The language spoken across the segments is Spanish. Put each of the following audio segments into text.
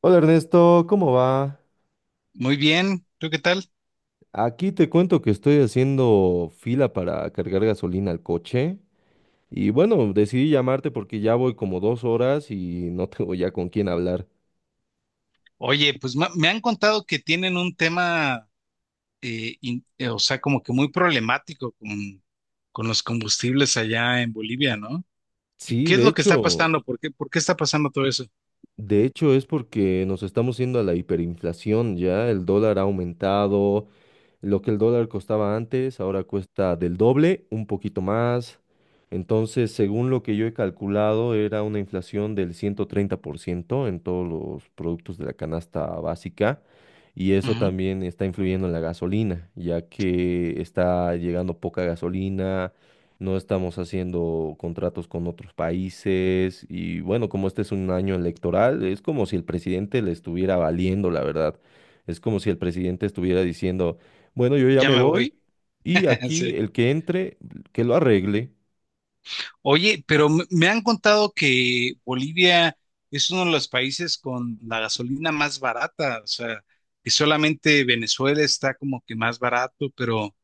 Hola Ernesto, ¿cómo va? Muy bien, ¿tú qué tal? Aquí te cuento que estoy haciendo fila para cargar gasolina al coche y bueno, decidí llamarte porque ya voy como 2 horas y no tengo ya con quién hablar. Oye, pues me han contado que tienen un tema, o sea, como que muy problemático con los combustibles allá en Bolivia, ¿no? ¿Qué, Sí, qué es de lo que está hecho, pasando? ¿¿Por qué está pasando todo eso? de hecho es porque nos estamos yendo a la hiperinflación ya, el dólar ha aumentado. Lo que el dólar costaba antes, ahora cuesta del doble, un poquito más. Entonces, según lo que yo he calculado, era una inflación del 130% en todos los productos de la canasta básica. Y eso Ujú, también está influyendo en la gasolina, ya que está llegando poca gasolina, no estamos haciendo contratos con otros países. Y bueno, como este es un año electoral, es como si el presidente le estuviera valiendo, la verdad. Es como si el presidente estuviera diciendo... Bueno, yo ya ya me me voy. voy y aquí Sí. el que entre, que lo arregle. Oye, pero me han contado que Bolivia es uno de los países con la gasolina más barata, o sea, que solamente Venezuela está como que más barato, pero...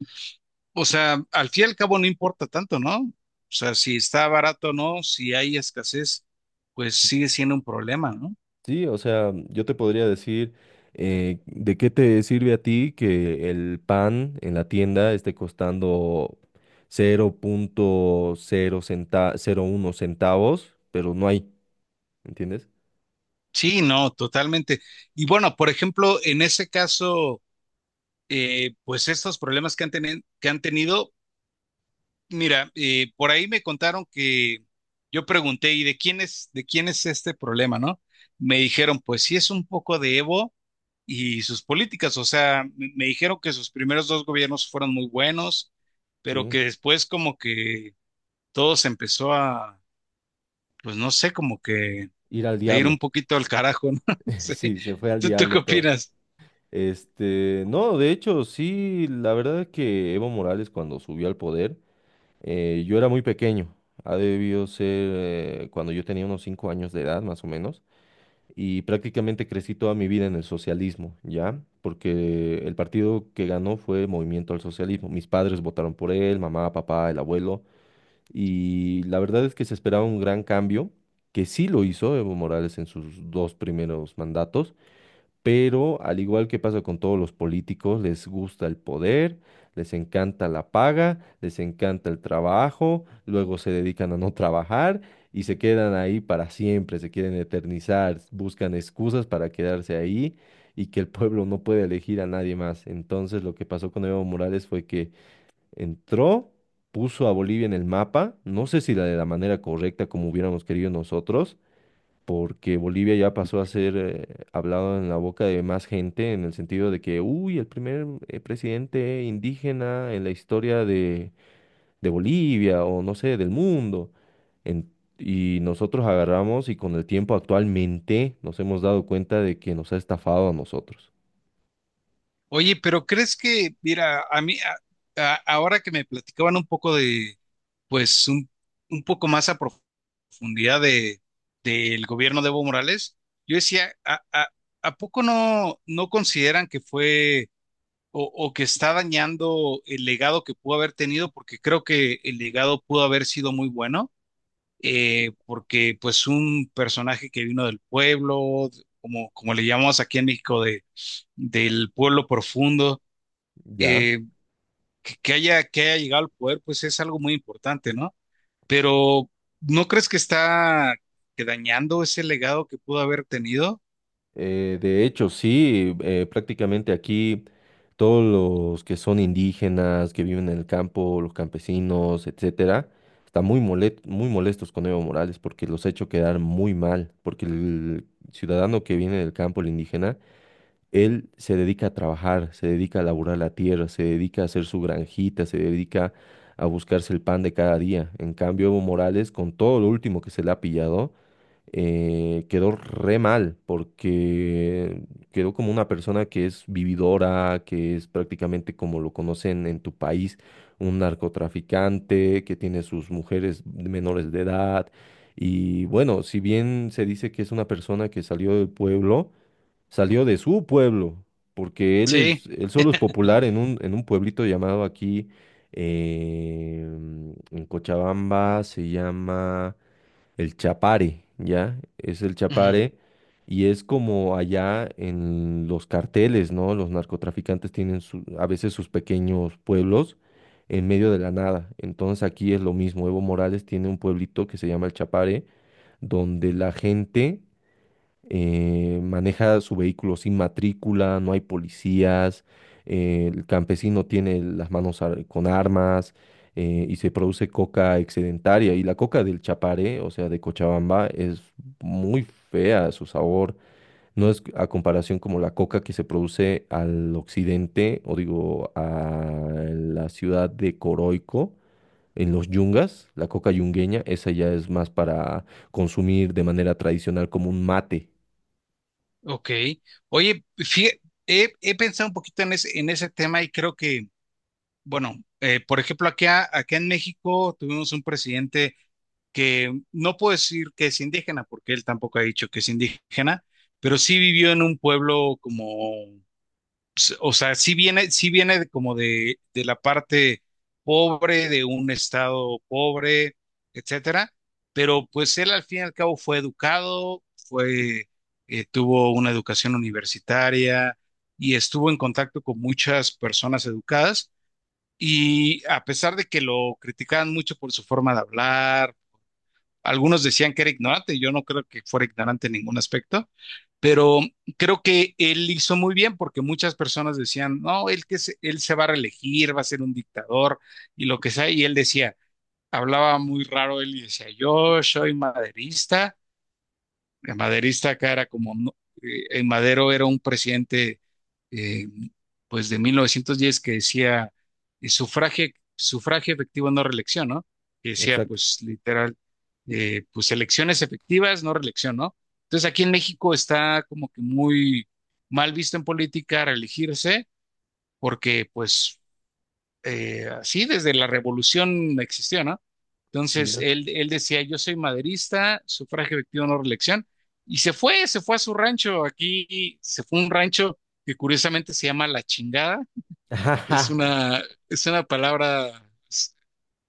O sea, al fin y al cabo no importa tanto, ¿no? O sea, si está barato o no, si hay escasez, pues Sí, sigue siendo un problema, ¿no? sí, o sea, yo te podría decir de qué te sirve a ti que el pan en la tienda esté costando cero punto cero cero uno centavos, pero no hay, ¿entiendes? Sí, no, totalmente. Y bueno, por ejemplo, en ese caso, pues estos problemas que han tenido, mira, por ahí me contaron que yo pregunté, ¿y de quién es este problema, no? Me dijeron, pues sí, es un poco de Evo y sus políticas. O sea, me dijeron que sus primeros dos gobiernos fueron muy buenos, pero Sí, que después como que todo se empezó a, pues no sé, como que ir al a ir un diablo. poquito al carajo, ¿no? Sí. Sí, se fue al ¿¿Tú qué diablo todo. opinas? Este, no, de hecho, sí, la verdad es que Evo Morales cuando subió al poder, eh, yo era muy pequeño, ha debido ser cuando yo tenía unos 5 años de edad, más o menos, y prácticamente crecí toda mi vida en el socialismo, ¿ya? Porque el partido que ganó fue Movimiento al Socialismo. Mis padres votaron por él, mamá, papá, el abuelo, y la verdad es que se esperaba un gran cambio, que sí lo hizo Evo Morales en sus dos primeros mandatos, pero al igual que pasa con todos los políticos, les gusta el poder, les encanta la paga, les encanta el trabajo, luego se dedican a no trabajar y se quedan ahí para siempre, se quieren eternizar, buscan excusas para quedarse ahí y que el pueblo no puede elegir a nadie más. Entonces lo que pasó con Evo Morales fue que entró, puso a Bolivia en el mapa, no sé si la de la manera correcta como hubiéramos querido nosotros, porque Bolivia ya pasó a ser hablado en la boca de más gente en el sentido de que, uy, el primer presidente indígena en la historia de Bolivia o no sé, del mundo. En- y nosotros agarramos y con el tiempo actualmente nos hemos dado cuenta de que nos ha estafado a nosotros. Oye, pero ¿crees que, mira, a mí, ahora que me platicaban un poco de, pues un poco más a profundidad de, del gobierno de Evo Morales, yo decía, ¿a poco no consideran que fue o que está dañando el legado que pudo haber tenido? Porque creo que el legado pudo haber sido muy bueno, porque pues un personaje que vino del pueblo, como le llamamos aquí en México, del pueblo profundo, Ya. eh, que haya llegado al poder, pues es algo muy importante, ¿no? Pero ¿no crees que está que dañando ese legado que pudo haber tenido? De hecho, sí, prácticamente aquí todos los que son indígenas, que viven en el campo, los campesinos, etcétera, están muy molestos con Evo Morales porque los ha hecho quedar muy mal, porque el ciudadano que viene del campo, el indígena, él se dedica a trabajar, se dedica a laburar la tierra, se dedica a hacer su granjita, se dedica a buscarse el pan de cada día. En cambio, Evo Morales, con todo lo último que se le ha pillado, quedó re mal porque quedó como una persona que es vividora, que es prácticamente como lo conocen en tu país, un narcotraficante que tiene sus mujeres menores de edad. Y bueno, si bien se dice que es una persona que salió del pueblo, salió de su pueblo, porque él Sí. es, él solo es popular en un pueblito llamado aquí, eh, en Cochabamba, se llama... El Chapare, ¿ya? Es el Ujú. Chapare y es como allá en los carteles, ¿no? Los narcotraficantes tienen su- a veces sus pequeños pueblos en medio de la nada. Entonces aquí es lo mismo. Evo Morales tiene un pueblito que se llama El Chapare, donde la gente maneja su vehículo sin matrícula, no hay policías, el campesino tiene las manos con armas, y se produce coca excedentaria. Y la coca del Chaparé, o sea, de Cochabamba, es muy fea su sabor. No es a comparación como la coca que se produce al occidente, o digo, a la ciudad de Coroico, en los yungas, la coca yungueña, esa ya es más para consumir de manera tradicional como un mate. Ok. Oye, he pensado un poquito en ese tema y creo que bueno, por ejemplo, acá en México tuvimos un presidente que no puedo decir que es indígena, porque él tampoco ha dicho que es indígena, pero sí vivió en un pueblo como, o sea, sí viene de la parte pobre, de un estado pobre, etcétera, pero pues él al fin y al cabo fue educado, fue, tuvo una educación universitaria y estuvo en contacto con muchas personas educadas, y a pesar de que lo criticaban mucho por su forma de hablar, algunos decían que era ignorante, yo no creo que fuera ignorante en ningún aspecto, pero creo que él hizo muy bien. Porque muchas personas decían, no, él se va a reelegir, va a ser un dictador y lo que sea, y él decía, hablaba muy raro él y decía, yo soy maderista. El maderista acá era como, Madero era un presidente, eh, pues de 1910, que decía eh, sufragio, sufragio efectivo, no reelección, ¿no? Que decía Exacto. pues literal, pues elecciones efectivas, no reelección, ¿no? Entonces aquí en México está como que muy mal visto en política reelegirse, porque pues así desde la revolución existió, ¿no? Entonces Ya. él, él decía, yo soy maderista, sufragio efectivo, no reelección, y se fue a su rancho, aquí se fue a un rancho que curiosamente se llama La Chingada, es una, es una palabra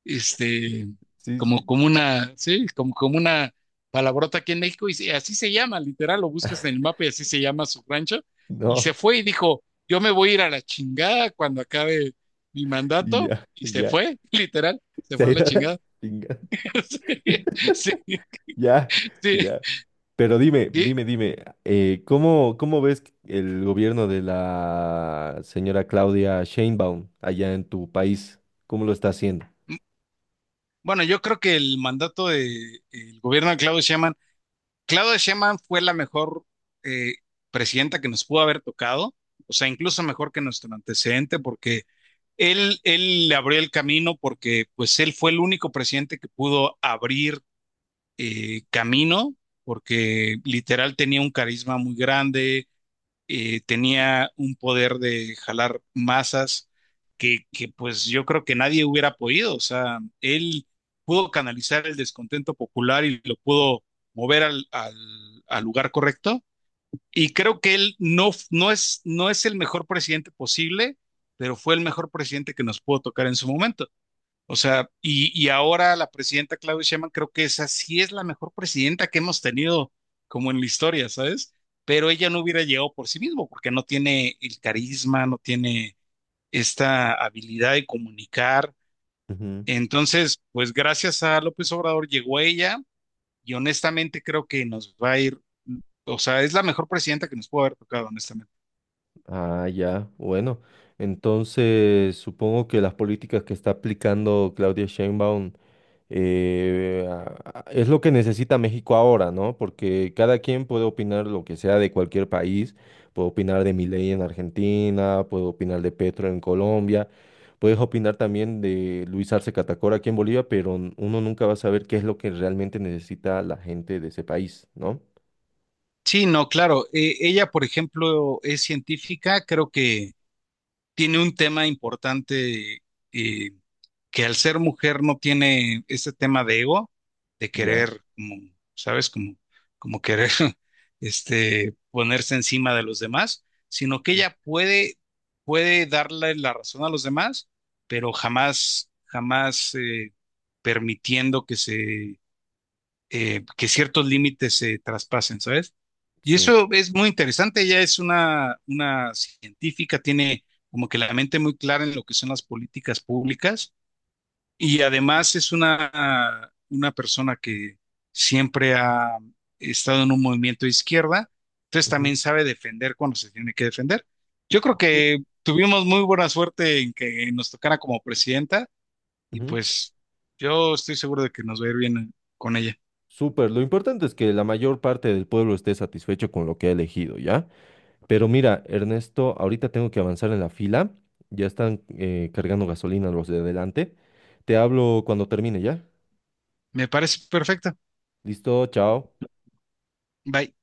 este, Sí, como, sí. como una, sí, como, como una palabrota aquí en México, y así se llama, literal, lo buscas en el mapa y así se llama su rancho, y No. se fue y dijo, yo me voy a ir a la chingada cuando acabe mi Y mandato, ya, y se ya. fue, literal, se Se ha fue a la ido a la chingada. chinga. Sí, Ya, sí. ya. Pero dime, Y dime, dime, ¿cómo, cómo ves el gobierno de la señora Claudia Sheinbaum allá en tu país? ¿Cómo lo está haciendo? bueno, yo creo que el mandato del gobierno de Claudio Sheinbaum fue la mejor eh, presidenta que nos pudo haber tocado, o sea, incluso mejor que nuestro antecedente, porque él le abrió el camino, porque pues él fue el único presidente que pudo abrir camino, porque literal tenía un carisma muy grande, tenía un poder de jalar masas que pues yo creo que nadie hubiera podido. O sea, él pudo canalizar el descontento popular y lo pudo mover al lugar correcto, y creo que él no es, no es el mejor presidente posible, pero fue el mejor presidente que nos pudo tocar en su momento. O sea, y ahora la presidenta Claudia Sheinbaum, creo que esa sí es la mejor presidenta que hemos tenido como en la historia, ¿sabes? Pero ella no hubiera llegado por sí mismo porque no tiene el carisma, no tiene esta habilidad de comunicar. Ujú. Entonces, pues gracias a López Obrador llegó ella, y honestamente creo que nos va a ir, o sea, es la mejor presidenta que nos pudo haber tocado, honestamente. Ah, ya, bueno. Entonces, supongo que las políticas que está aplicando Claudia Sheinbaum es lo que necesita México ahora, ¿no? Porque cada quien puede opinar lo que sea de cualquier país, puedo opinar de Milei en Argentina, puedo opinar de Petro en Colombia, puedes opinar también de Luis Arce Catacora aquí en Bolivia, pero n- uno nunca va a saber qué es lo que realmente necesita la gente de ese país, ¿no? Sí, no, claro. Ella, por ejemplo, es científica, creo que tiene un tema importante, eh, que al ser mujer no tiene ese tema de ego, de Ya. querer, como, ¿sabes? Como, como querer este, ponerse encima de los demás, sino que Ujú. ella puede, puede darle la razón a los demás, pero jamás, jamás permitiendo que se que ciertos límites se traspasen, ¿sabes? Y Sí. eso es muy interesante, ella es una científica, tiene como que la mente muy clara en lo que son las políticas públicas, y además es una persona que siempre ha estado en un movimiento de izquierda, entonces Ujú. también sabe defender cuando se tiene que defender. Yo creo Ok. que tuvimos muy buena suerte en que nos tocara como presidenta, y Ujú. pues yo estoy seguro de que nos va a ir bien con ella. Súper, lo importante es que la mayor parte del pueblo esté satisfecho con lo que ha elegido, ¿ya? Pero mira, Ernesto, ahorita tengo que avanzar en la fila. Ya están cargando gasolina los de adelante. Te hablo cuando termine, ¿ya? Me parece perfecto. Listo, chao. Bye.